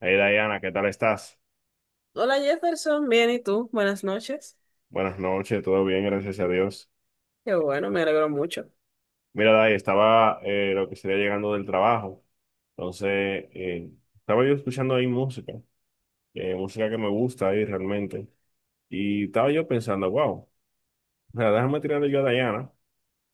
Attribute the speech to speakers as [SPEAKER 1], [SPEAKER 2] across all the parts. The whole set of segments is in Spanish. [SPEAKER 1] Hey Diana, ¿qué tal estás?
[SPEAKER 2] Hola Jefferson, bien, ¿y tú? Buenas noches.
[SPEAKER 1] Buenas noches, todo bien, gracias a Dios.
[SPEAKER 2] Qué bueno, me alegro mucho.
[SPEAKER 1] Mira, Day, estaba lo que sería llegando del trabajo, entonces estaba yo escuchando ahí música, música que me gusta ahí realmente, y estaba yo pensando, wow, o déjame tirarle yo a Diana,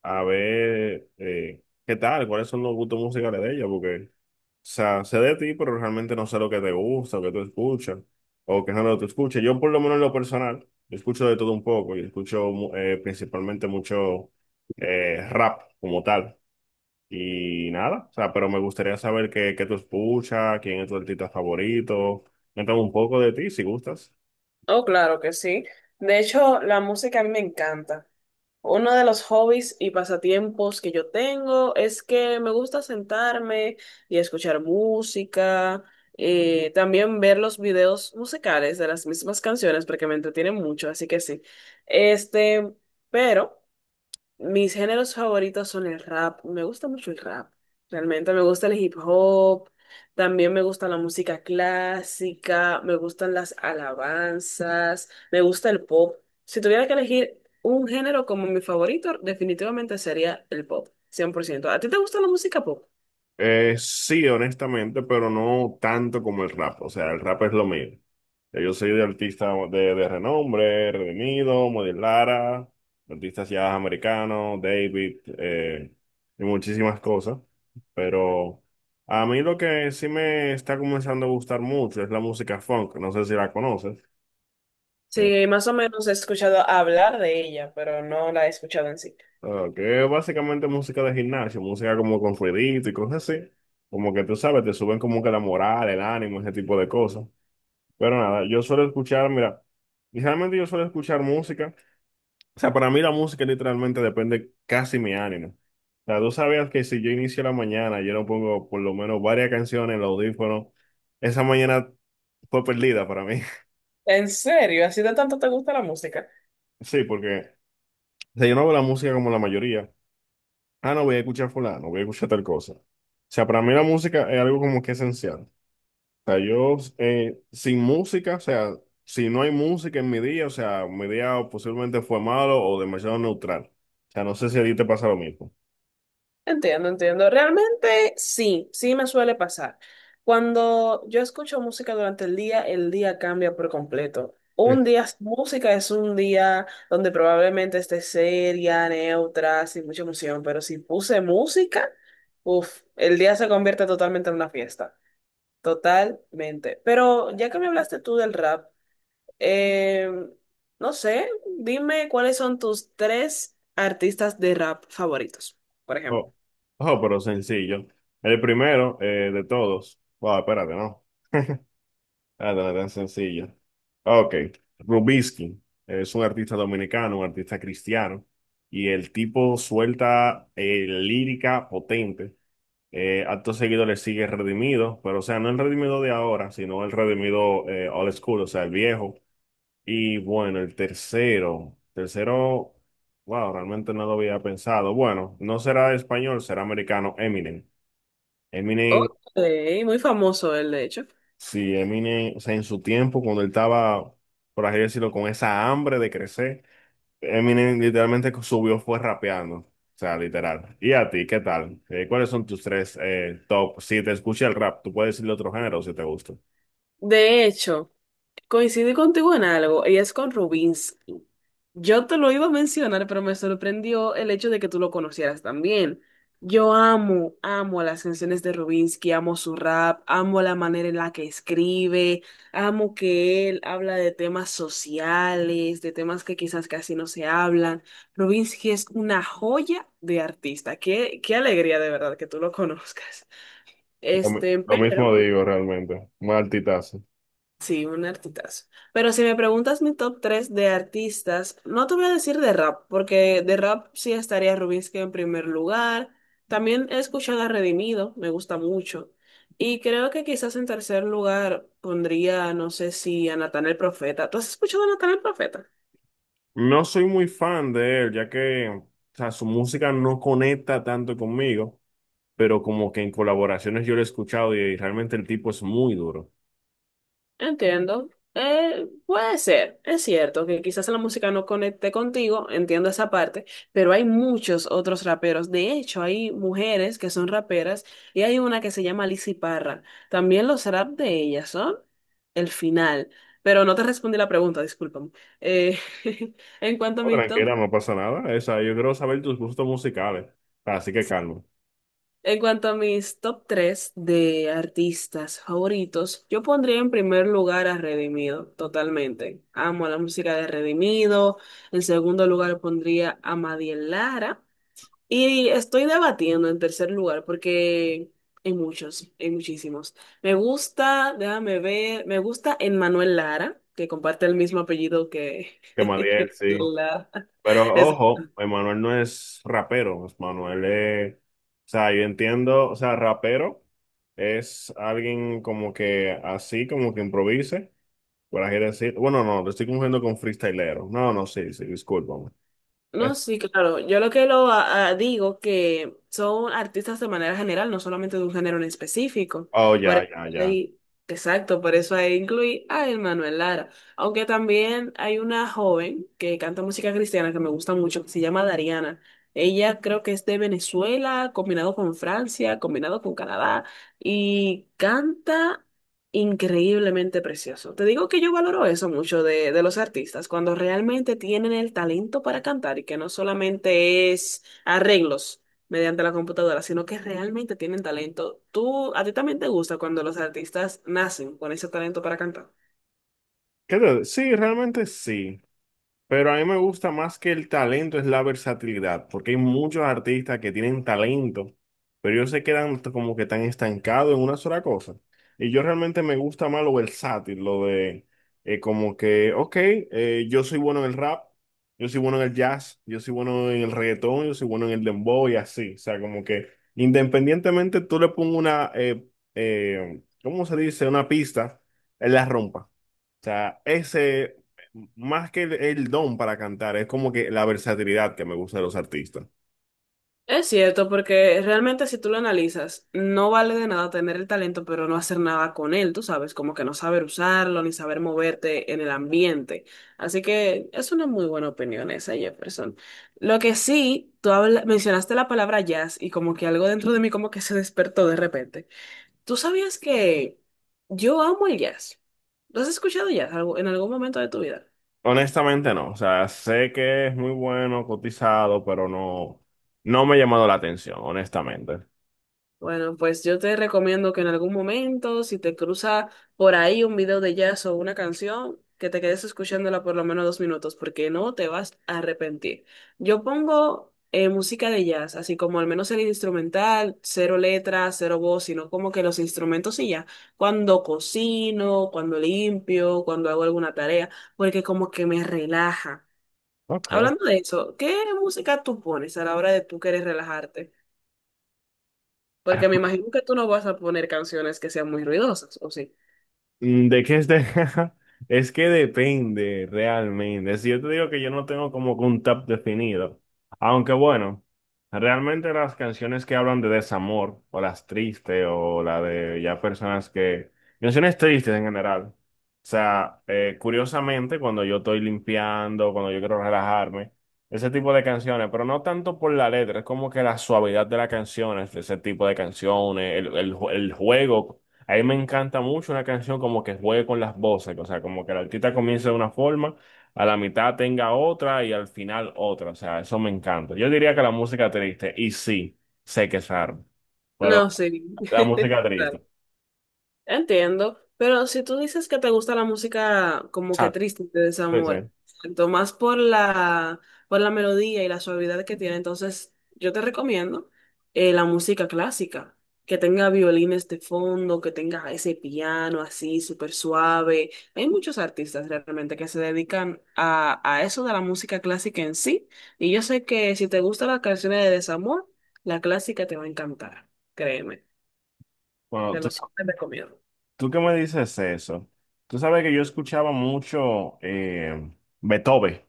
[SPEAKER 1] a ver qué tal, cuáles son los gustos musicales de ella, porque, o sea, sé de ti, pero realmente no sé lo que te gusta, o que tú escuchas, o qué género tú escuchas. Yo, por lo menos en lo personal, yo escucho de todo un poco, y escucho principalmente mucho rap como tal. Y nada, o sea, pero me gustaría saber qué tú escuchas, quién es tu artista favorito. Cuéntame un poco de ti, si gustas.
[SPEAKER 2] Oh, claro que sí. De hecho, la música a mí me encanta. Uno de los hobbies y pasatiempos que yo tengo es que me gusta sentarme y escuchar música, también ver los videos musicales de las mismas canciones porque me entretienen mucho, así que sí. Este, pero... Mis géneros favoritos son el rap. Me gusta mucho el rap. Realmente me gusta el hip hop. También me gusta la música clásica. Me gustan las alabanzas. Me gusta el pop. Si tuviera que elegir un género como mi favorito, definitivamente sería el pop. Cien por ciento. ¿A ti te gusta la música pop?
[SPEAKER 1] Sí, honestamente, pero no tanto como el rap. O sea, el rap es lo mío. Ya yo soy de artista de renombre: Redimido, Model Lara, artistas ya americanos, David, y muchísimas cosas. Pero a mí lo que sí me está comenzando a gustar mucho es la música funk. No sé si la conoces. Eh,
[SPEAKER 2] Sí, más o menos he escuchado hablar de ella, pero no la he escuchado en sí.
[SPEAKER 1] que es básicamente música de gimnasio, música como con ruidito y cosas así. Como que tú sabes, te suben como que la moral, el ánimo, ese tipo de cosas. Pero nada, yo suelo escuchar, mira, realmente yo suelo escuchar música. O sea, para mí la música literalmente depende casi mi ánimo. O sea, tú sabías que si yo inicio la mañana, yo no pongo por lo menos varias canciones en los audífono esa mañana fue perdida para mí.
[SPEAKER 2] ¿En serio? ¿Así de tanto te gusta la música?
[SPEAKER 1] Sí, porque o sea, yo no veo la música como la mayoría. Ah, no, voy a escuchar fulano, voy a escuchar tal cosa. O sea, para mí la música es algo como que esencial. Sea, yo sin música, o sea, si no hay música en mi día, o sea, mi día posiblemente fue malo o demasiado neutral. O sea, no sé si a ti te pasa lo mismo.
[SPEAKER 2] Entiendo, entiendo. Realmente sí, sí me suele pasar. Cuando yo escucho música durante el día cambia por completo.
[SPEAKER 1] Sí.
[SPEAKER 2] Un día, música es un día donde probablemente esté seria, neutra, sin mucha emoción, pero si puse música, uff, el día se convierte totalmente en una fiesta. Totalmente. Pero ya que me hablaste tú del rap, eh, no sé, dime cuáles son tus tres artistas de rap favoritos, por ejemplo.
[SPEAKER 1] Oh, oh, pero sencillo. El primero de todos. Wow, espérate, no. Ah, no tan sencillo. Ok. Rubinsky es un artista dominicano, un artista cristiano. Y el tipo suelta lírica potente. Acto seguido le sigue Redimido, pero o sea, no el Redimido de ahora, sino el Redimido old school, o sea, el viejo. Y bueno, el tercero, tercero, wow, realmente no lo había pensado. Bueno, no será español, será americano, Eminem.
[SPEAKER 2] Ok,
[SPEAKER 1] Eminem,
[SPEAKER 2] muy famoso él, de hecho.
[SPEAKER 1] sí, Eminem, o sea, en su tiempo, cuando él estaba, por así decirlo, con esa hambre de crecer, Eminem literalmente subió, fue rapeando. O sea, literal. ¿Y a ti, qué tal? ¿Cuáles son tus tres top? Si te escucha el rap, tú puedes decirle otro género si te gusta.
[SPEAKER 2] De hecho, coincidí contigo en algo, y es con Rubinsky. Yo te lo iba a mencionar, pero me sorprendió el hecho de que tú lo conocieras también. Yo amo, amo las canciones de Rubinsky, amo su rap, amo la manera en la que escribe, amo que él habla de temas sociales, de temas que quizás casi no se hablan. Rubinsky es una joya de artista. Qué, qué alegría de verdad que tú lo conozcas. Este,
[SPEAKER 1] Lo mismo
[SPEAKER 2] pero...
[SPEAKER 1] digo realmente. Maltitazo.
[SPEAKER 2] Sí, un artistazo. Pero si me preguntas mi top 3 de artistas, no te voy a decir de rap, porque de rap sí estaría Rubinsky en primer lugar. También he escuchado a Redimido, me gusta mucho. Y creo que quizás en tercer lugar pondría, no sé si a Natán el Profeta. ¿Tú has escuchado a Natán el Profeta?
[SPEAKER 1] No soy muy fan de él, ya que o sea, su música no conecta tanto conmigo, pero como que en colaboraciones yo lo he escuchado y realmente el tipo es muy duro.
[SPEAKER 2] Entiendo. Puede ser, es cierto que quizás la música no conecte contigo, entiendo esa parte, pero hay muchos otros raperos. De hecho, hay mujeres que son raperas y hay una que se llama Lizzy Parra. También los rap de ellas son el final. Pero no te respondí la pregunta, discúlpame. Eh, en cuanto a
[SPEAKER 1] No,
[SPEAKER 2] mi top.
[SPEAKER 1] tranquila, no pasa nada. Esa, yo quiero saber tus gustos musicales. Así que calma.
[SPEAKER 2] En cuanto a mis top 3 de artistas favoritos, yo pondría en primer lugar a Redimido, totalmente. Amo la música de Redimido. En segundo lugar pondría a Madiel Lara. Y estoy debatiendo en tercer lugar porque hay muchos, hay muchísimos. Me gusta, déjame ver, me gusta Emmanuel Lara, que comparte el mismo apellido que...
[SPEAKER 1] Que Madiel,
[SPEAKER 2] que
[SPEAKER 1] sí.
[SPEAKER 2] Lara.
[SPEAKER 1] Pero ojo, Emanuel no es rapero, Emanuel es, o sea, yo entiendo, o sea, rapero es alguien como que así, como que improvise, por así decir, bueno, no, lo estoy confundiendo con freestylero, no, no, sí, sí, discúlpame.
[SPEAKER 2] No,
[SPEAKER 1] Es,
[SPEAKER 2] sí, claro. Yo lo que digo que son artistas de manera general, no solamente de un género en específico.
[SPEAKER 1] oh,
[SPEAKER 2] Por
[SPEAKER 1] ya,
[SPEAKER 2] eso
[SPEAKER 1] ya, ya.
[SPEAKER 2] ahí, exacto, por eso ahí incluí a Manuel Lara. Aunque también hay una joven que canta música cristiana que me gusta mucho, que se llama Dariana. Ella creo que es de Venezuela, combinado con Francia, combinado con Canadá, y canta increíblemente precioso. Te digo que yo valoro eso mucho de los artistas, cuando realmente tienen el talento para cantar y que no solamente es arreglos mediante la computadora, sino que realmente tienen talento. ¿Tú, a ti también te gusta cuando los artistas nacen con ese talento para cantar?
[SPEAKER 1] ¿Qué te- sí, realmente sí, pero a mí me gusta más que el talento es la versatilidad, porque hay muchos artistas que tienen talento, pero ellos se quedan como que tan estancados en una sola cosa. Y yo realmente me gusta más lo versátil, lo de como que, ok, yo soy bueno en el rap, yo soy bueno en el jazz, yo soy bueno en el reggaetón, yo soy bueno en el dembow y así. O sea, como que independientemente tú le pongas una, ¿cómo se dice? Una pista, él la rompa. O sea, ese, más que el don para cantar, es como que la versatilidad que me gusta de los artistas.
[SPEAKER 2] Es cierto, porque realmente si tú lo analizas, no vale de nada tener el talento, pero no hacer nada con él, tú sabes, como que no saber usarlo ni saber moverte en el ambiente. Así que es una muy buena opinión esa, Jefferson. Lo que sí, mencionaste la palabra jazz y como que algo dentro de mí como que se despertó de repente. ¿Tú sabías que yo amo el jazz? ¿Lo has escuchado jazz en algún momento de tu vida?
[SPEAKER 1] Honestamente no, o sea, sé que es muy bueno, cotizado, pero no, no me ha llamado la atención, honestamente.
[SPEAKER 2] Bueno, pues yo te recomiendo que en algún momento, si te cruza por ahí un video de jazz o una canción, que te quedes escuchándola por lo menos 2 minutos, porque no te vas a arrepentir. Yo pongo música de jazz, así como al menos el instrumental, cero letras, cero voz, sino como que los instrumentos y ya. Cuando cocino, cuando limpio, cuando hago alguna tarea, porque como que me relaja.
[SPEAKER 1] Ok.
[SPEAKER 2] Hablando de eso, ¿qué música tú pones a la hora de tú querer relajarte? Porque me imagino que tú no vas a poner canciones que sean muy ruidosas, ¿o sí?
[SPEAKER 1] Mm, ¿de qué es de- Es que depende realmente. Si yo te digo que yo no tengo como que un top definido, aunque bueno, realmente las canciones que hablan de desamor, o las tristes, o la de ya personas que... Canciones tristes en general. O sea, curiosamente, cuando yo estoy limpiando, cuando yo quiero relajarme, ese tipo de canciones, pero no tanto por la letra, es como que la suavidad de las canciones, de ese tipo de canciones, el juego. A mí me encanta mucho una canción como que juegue con las voces, o sea, como que el artista comience de una forma, a la mitad tenga otra y al final otra, o sea, eso me encanta. Yo diría que la música triste, y sí, sé que es raro,
[SPEAKER 2] No,
[SPEAKER 1] pero
[SPEAKER 2] sí.
[SPEAKER 1] la música triste.
[SPEAKER 2] Entiendo, pero si tú dices que te gusta la música como que
[SPEAKER 1] Ah,
[SPEAKER 2] triste de
[SPEAKER 1] sí, sí.
[SPEAKER 2] desamor, tanto más por la melodía y la suavidad que tiene, entonces yo te recomiendo la música clásica, que tenga violines de fondo, que tenga ese piano así súper suave. Hay muchos artistas realmente que se dedican a eso de la música clásica en sí, y yo sé que si te gustan las canciones de desamor, la clásica te va a encantar, créeme,
[SPEAKER 1] Bueno,
[SPEAKER 2] te lo súper recomiendo.
[SPEAKER 1] tú que me dices eso, tú sabes que yo escuchaba mucho Beethoven,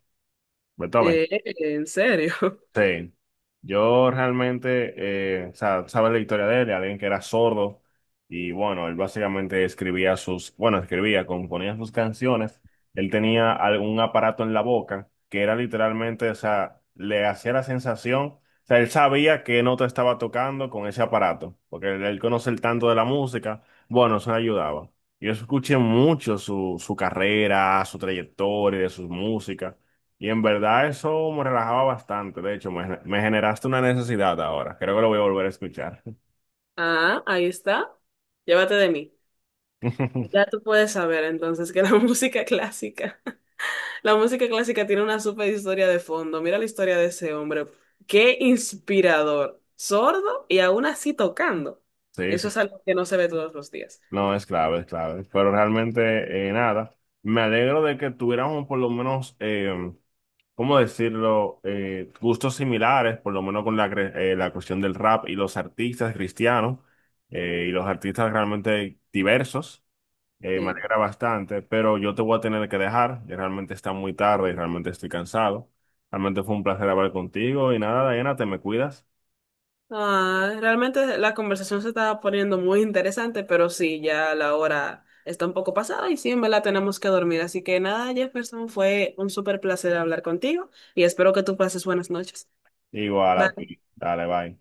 [SPEAKER 1] Beethoven.
[SPEAKER 2] Eh, ¿En serio?
[SPEAKER 1] Sí, yo realmente, o sea, sabes la historia de él, de alguien que era sordo y bueno, él básicamente escribía sus, bueno, escribía, componía sus canciones, él tenía algún aparato en la boca que era literalmente, o sea, le hacía la sensación, o sea, él sabía qué nota estaba tocando con ese aparato, porque él conoce el tanto de la música, bueno, eso le ayudaba. Yo escuché mucho su carrera, su trayectoria, de sus músicas. Y en verdad eso me relajaba bastante. De hecho, me generaste una necesidad ahora. Creo que lo voy a volver a escuchar.
[SPEAKER 2] Ah, ahí está. Llévate de mí. Ya tú puedes saber entonces que la música clásica, la música clásica tiene una super historia de fondo. Mira la historia de ese hombre. Qué inspirador. Sordo y aún así tocando.
[SPEAKER 1] Sí,
[SPEAKER 2] Eso es
[SPEAKER 1] sí.
[SPEAKER 2] algo que no se ve todos los días.
[SPEAKER 1] No, es clave, es clave. Pero realmente, nada. Me alegro de que tuviéramos por lo menos, ¿cómo decirlo? Gustos similares, por lo menos con la cuestión del rap y los artistas cristianos y los artistas realmente diversos. Me
[SPEAKER 2] Sí.
[SPEAKER 1] alegra bastante, pero yo te voy a tener que dejar. Ya realmente está muy tarde y realmente estoy cansado. Realmente fue un placer hablar contigo y nada, Diana, te me cuidas.
[SPEAKER 2] Ah, realmente la conversación se estaba poniendo muy interesante, pero sí, ya la hora está un poco pasada y sí, en verdad tenemos que dormir. Así que nada, Jefferson, fue un súper placer hablar contigo y espero que tú pases buenas noches.
[SPEAKER 1] Igual a
[SPEAKER 2] Bye.
[SPEAKER 1] ti. Dale, bye.